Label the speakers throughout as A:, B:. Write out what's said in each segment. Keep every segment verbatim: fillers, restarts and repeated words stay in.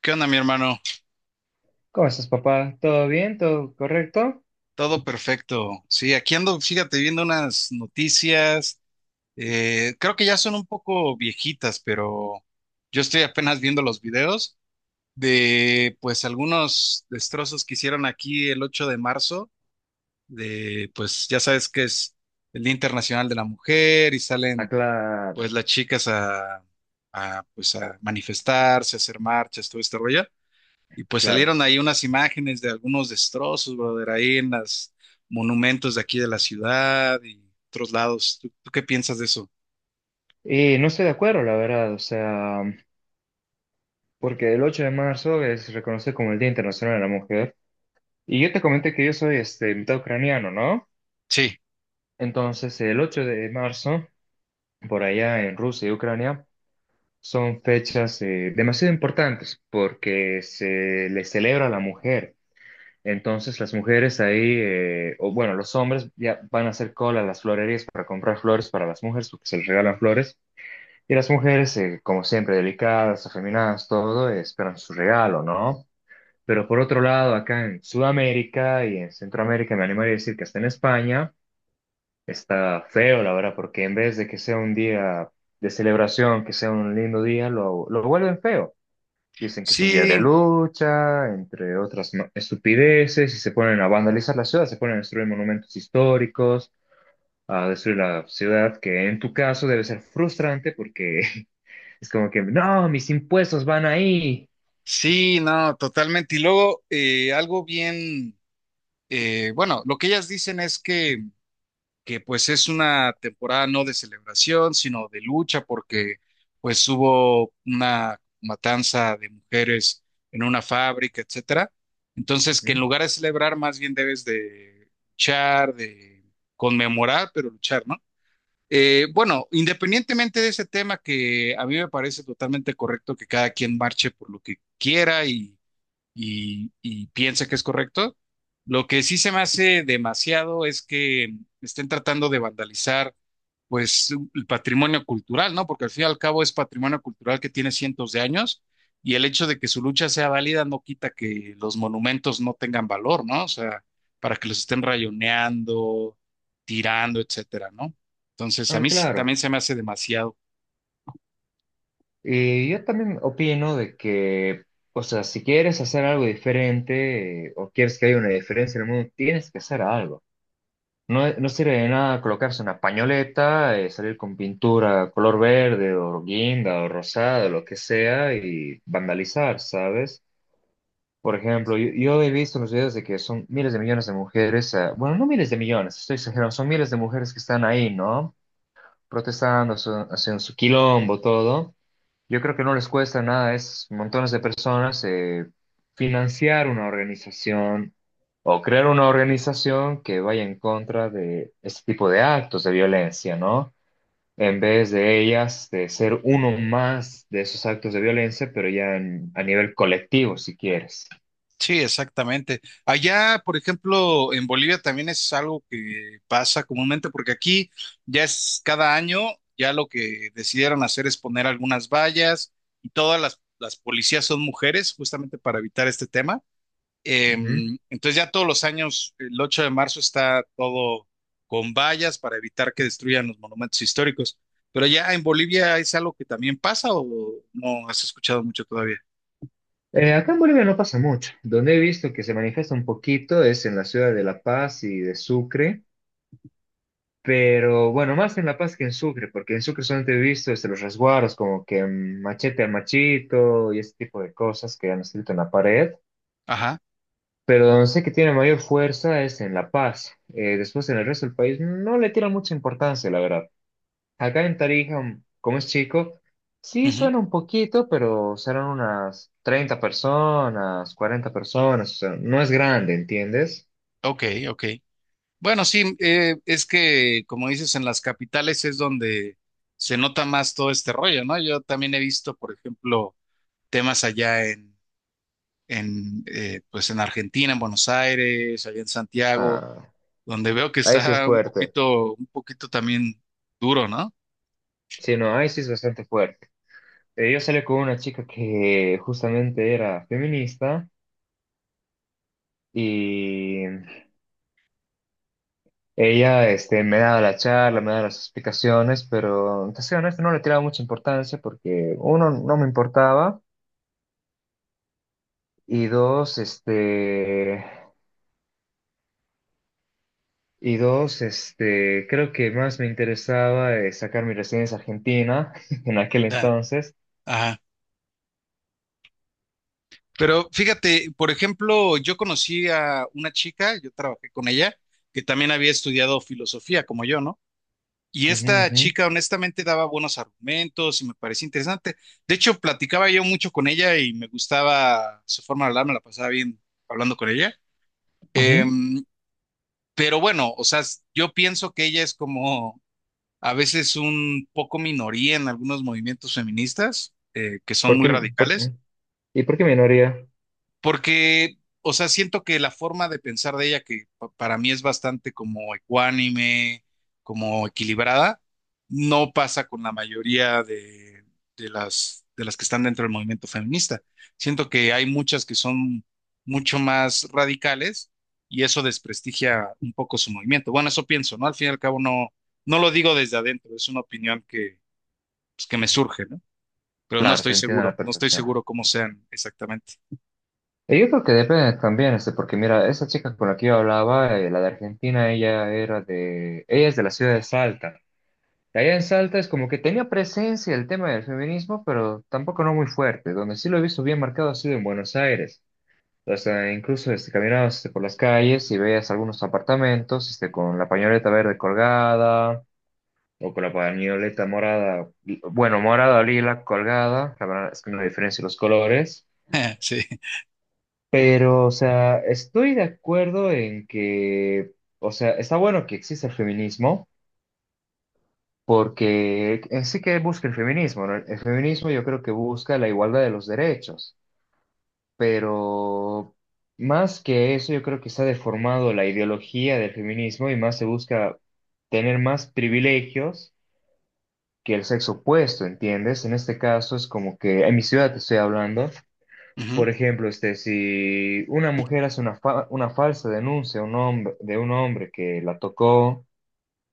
A: ¿Qué onda, mi hermano?
B: ¿Cómo estás, papá? ¿Todo bien? ¿Todo correcto?
A: Todo perfecto. Sí, aquí ando, fíjate, viendo unas noticias. Eh, creo que ya son un poco viejitas, pero yo estoy apenas viendo los videos de, pues, algunos destrozos que hicieron aquí el ocho de marzo, de, pues, ya sabes que es el Día Internacional de la Mujer y
B: Ah,
A: salen,
B: claro,
A: pues, las chicas a, a, pues, a manifestarse, a hacer marchas, todo este rollo. Y pues
B: claro.
A: salieron ahí unas imágenes de algunos destrozos, brother, ahí en los monumentos de aquí de la ciudad y otros lados. ¿Tú, tú qué piensas de eso?
B: Y no estoy de acuerdo, la verdad, o sea, porque el ocho de marzo es reconocido como el Día Internacional de la Mujer. Y yo te comenté que yo soy este, mitad ucraniano, ¿no?
A: Sí,
B: Entonces, el ocho de marzo, por allá en Rusia y Ucrania, son fechas eh, demasiado importantes porque se le celebra a la mujer. Entonces las mujeres ahí, eh, o bueno, los hombres ya van a hacer cola a las florerías para comprar flores para las mujeres, porque se les regalan flores. Y las mujeres, eh, como siempre, delicadas, afeminadas, todo, eh, esperan su regalo, ¿no? Pero por otro lado, acá en Sudamérica y en Centroamérica, me animaría a decir que hasta en España, está feo, la verdad, porque en vez de que sea un día de celebración, que sea un lindo día, lo, lo vuelven feo. Dicen que es un día de
A: sí,
B: lucha, entre otras ma- estupideces, y se ponen a vandalizar la ciudad, se ponen a destruir monumentos históricos, a destruir la ciudad, que en tu caso debe ser frustrante porque es como que, no, mis impuestos van ahí.
A: sí, no, totalmente. Y luego, eh, algo bien, eh, bueno, lo que ellas dicen es que que pues es una temporada no de celebración, sino de lucha, porque pues hubo una matanza de mujeres en una fábrica, etcétera. Entonces, que en
B: Ujú.
A: lugar de celebrar, más bien debes de luchar, de conmemorar, pero luchar, ¿no? Eh, bueno, independientemente de ese tema que a mí me parece totalmente correcto que cada quien marche por lo que quiera y, y piensa que es correcto. Lo que sí se me hace demasiado es que estén tratando de vandalizar, pues, el patrimonio cultural, ¿no? Porque al fin y al cabo es patrimonio cultural que tiene cientos de años y el hecho de que su lucha sea válida no quita que los monumentos no tengan valor, ¿no? O sea, para que los estén rayoneando, tirando, etcétera, ¿no? Entonces, a
B: Ah,
A: mí sí
B: claro.
A: también se me hace demasiado.
B: Y yo también opino de que, o sea, si quieres hacer algo diferente eh, o quieres que haya una diferencia en el mundo, tienes que hacer algo. No, no sirve de nada colocarse una pañoleta, eh, salir con pintura color verde o guinda o rosada, lo que sea, y vandalizar, ¿sabes? Por ejemplo, yo, yo he visto en los videos de que son miles de millones de mujeres, eh, bueno, no miles de millones, estoy exagerando, son miles de mujeres que están ahí, ¿no? Protestando, su- haciendo su quilombo, todo. Yo creo que no les cuesta nada, es montones de personas eh, financiar una organización o crear una organización que vaya en contra de este tipo de actos de violencia, ¿no? En vez de ellas, de ser uno más de esos actos de violencia, pero ya en- a nivel colectivo, si quieres.
A: Sí, exactamente. Allá, por ejemplo, en Bolivia también es algo que pasa comúnmente, porque aquí ya es cada año, ya lo que decidieron hacer es poner algunas vallas y todas las, las policías son mujeres, justamente para evitar este tema. Eh,
B: Ujú.
A: entonces ya todos los años, el ocho de marzo está todo con vallas para evitar que destruyan los monumentos históricos. Pero ya en Bolivia es algo que también pasa o no has escuchado mucho todavía.
B: Eh, acá en Bolivia no pasa mucho. Donde he visto que se manifiesta un poquito es en la ciudad de La Paz y de Sucre. Pero bueno, más en La Paz que en Sucre, porque en Sucre solamente he visto este, los resguardos, como que mm, machete al machito y ese tipo de cosas que han escrito en la pared.
A: Ajá.
B: Pero donde sé que tiene mayor fuerza es en La Paz. Eh, después en el resto del país no le tiran mucha importancia, la verdad. Acá en Tarija, mm, como es chico, sí
A: Ujú.
B: suena un poquito, pero serán unas treinta personas, cuarenta personas, o sea, no es grande, ¿entiendes?
A: Ok, ok. Bueno, sí, eh, es que como dices, en las capitales es donde se nota más todo este rollo, ¿no? Yo también he visto, por ejemplo, temas allá en, en, eh, pues en Argentina, en Buenos Aires, allá en Santiago
B: Ah,
A: donde veo que
B: ahí sí es
A: está un
B: fuerte.
A: poquito, un poquito también duro, ¿no?
B: Sí, no, ahí sí es bastante fuerte. Eh, yo salí con una chica que justamente era feminista y ella este, me daba la charla, me daba las explicaciones, pero te soy honesto, no le tiraba mucha importancia porque uno, no me importaba y dos, este, y dos, este, creo que más me interesaba eh, sacar mi residencia argentina en aquel
A: Ya.
B: entonces.
A: Ajá. Pero fíjate, por ejemplo, yo conocí a una chica, yo trabajé con ella, que también había estudiado filosofía, como yo, ¿no? Y
B: Ujú,
A: esta
B: ujú,
A: chica honestamente daba buenos argumentos y me parecía interesante. De hecho, platicaba yo mucho con ella y me gustaba su forma de hablar, me la pasaba bien hablando con ella.
B: ujú.
A: Em, pero bueno, o sea, yo pienso que ella es como a veces un poco minoría en algunos movimientos feministas eh, que son
B: ¿Por
A: muy
B: qué, por-
A: radicales,
B: ¿Y por qué minoría?
A: porque, o sea, siento que la forma de pensar de ella, que pa- para mí es bastante como ecuánime, como equilibrada, no pasa con la mayoría de, de las, de las que están dentro del movimiento feminista. Siento que hay muchas que son mucho más radicales y eso desprestigia un poco su movimiento. Bueno, eso pienso, ¿no? Al fin y al cabo no, no lo digo desde adentro, es una opinión pues, que me surge, ¿no? Pero no
B: Claro,
A: estoy
B: te entiendo a
A: seguro,
B: la
A: no estoy
B: perfección.
A: seguro cómo sean exactamente.
B: Y Yo creo que depende también, este, porque mira, esa chica con la que yo hablaba, eh, la de Argentina, ella era de, ella es de la ciudad de Salta. De allá en Salta es como que tenía presencia el tema del feminismo, pero tampoco no muy fuerte. Donde sí lo he visto bien marcado ha sido en Buenos Aires. O sea, incluso este, caminabas este, por las calles y veías algunos apartamentos este, con la pañoleta verde colgada o con la pañoleta morada, bueno, morada o lila colgada, la verdad es que no hay diferencia los colores.
A: Sí.
B: Pero, o sea, estoy de acuerdo en que, o sea, está bueno que exista el feminismo, porque en sí que busca el feminismo, ¿no? El feminismo yo creo que busca la igualdad de los derechos, pero más que eso, yo creo que se ha deformado la ideología del feminismo y más se busca tener más privilegios que el sexo opuesto, ¿entiendes? En este caso es como que, en mi ciudad te estoy hablando.
A: Ujú.
B: Por ejemplo, este, si una mujer hace una, fa- una falsa denuncia a un hombre, de un hombre que la tocó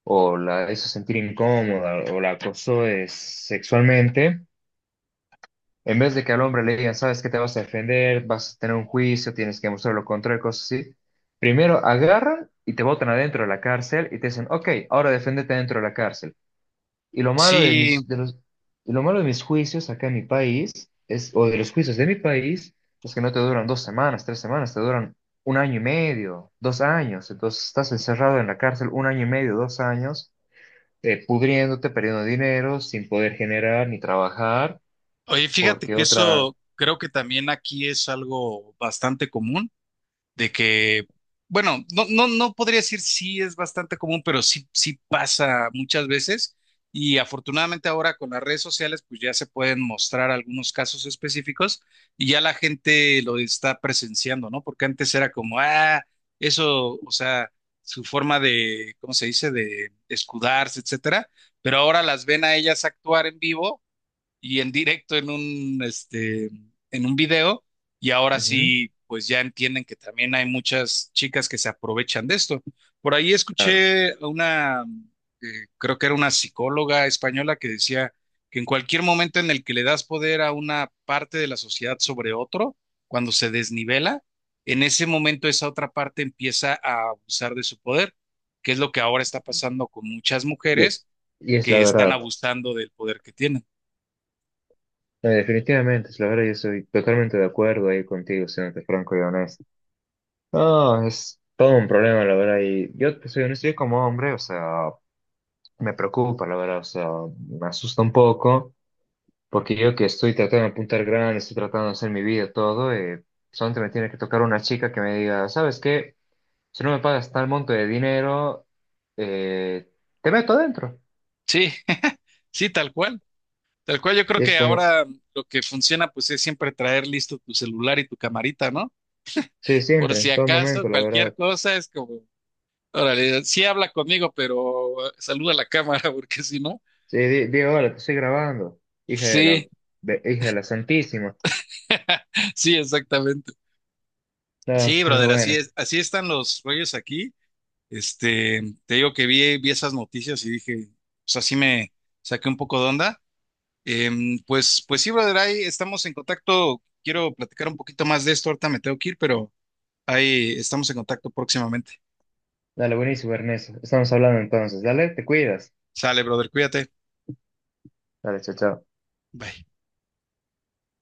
B: o la hizo sentir incómoda o la acosó eh, sexualmente, en vez de que al hombre le digan, sabes que te vas a defender, vas a tener un juicio, tienes que mostrar lo contrario, cosas así, primero agarran y te botan adentro de la cárcel y te dicen, ok, ahora defiéndete dentro de la cárcel. Y lo malo de
A: Sí,
B: mis, de los, y lo malo de mis juicios acá en mi país, es, o de los juicios de mi país, es que no te duran dos semanas, tres semanas, te duran un año y medio, dos años. Entonces estás encerrado en la cárcel un año y medio, dos años, eh, pudriéndote, perdiendo dinero, sin poder generar ni trabajar,
A: oye, fíjate
B: porque
A: que
B: otra...
A: eso creo que también aquí es algo bastante común. De que, bueno, no, no, no podría decir sí es bastante común, pero sí, sí pasa muchas veces. Y afortunadamente ahora con las redes sociales, pues ya se pueden mostrar algunos casos específicos y ya la gente lo está presenciando, ¿no? Porque antes era como, ah, eso, o sea, su forma de, ¿cómo se dice?, de escudarse, etcétera. Pero ahora las ven a ellas actuar en vivo y en directo en un, este, en un video y ahora
B: Ujú,
A: sí, pues ya entienden que también hay muchas chicas que se aprovechan de esto. Por ahí
B: claro.
A: escuché a una, eh, creo que era una psicóloga española que decía que en cualquier momento en el que le das poder a una parte de la sociedad sobre otro, cuando se desnivela, en ese momento esa otra parte empieza a abusar de su poder, que es lo que ahora está pasando con muchas
B: Y,
A: mujeres
B: y es la
A: que están
B: verdad.
A: abusando del poder que tienen.
B: Eh, definitivamente, es la verdad, yo estoy totalmente de acuerdo ahí contigo, siéndote franco y honesto. No, es todo un problema, la verdad. Y yo te soy honesto, yo como hombre, o sea, me preocupa, la verdad, o sea, me asusta un poco, porque yo que estoy tratando de apuntar grande, estoy tratando de hacer mi vida, todo, eh, solamente me tiene que tocar una chica que me diga, ¿sabes qué? Si no me pagas tal monto de dinero, eh, te meto adentro.
A: Sí. Sí, tal cual. Tal cual, yo
B: Y
A: creo
B: es
A: que
B: como,
A: ahora lo que funciona pues es siempre traer listo tu celular y tu camarita, ¿no?
B: sí,
A: Por
B: siempre,
A: si
B: en todo
A: acaso,
B: momento, la
A: cualquier
B: verdad.
A: cosa es como, órale, sí habla conmigo, pero saluda a la cámara, porque si no,
B: Sí, di, di, hola, te estoy grabando, hija de la,
A: sí,
B: de- hija de la Santísima.
A: sí, exactamente.
B: No,
A: Sí,
B: pero
A: brother, así
B: bueno.
A: es, así están los rollos aquí. Este, te digo que vi, vi esas noticias y dije, pues así me saqué un poco de onda. Em, pues, pues sí, brother, ahí estamos en contacto. Quiero platicar un poquito más de esto, ahorita me tengo que ir, pero ahí estamos en contacto próximamente.
B: Dale, buenísimo, Ernesto. Estamos hablando entonces. Dale, te cuidas.
A: Sale, brother, cuídate.
B: Dale, chao, chao.
A: Bye.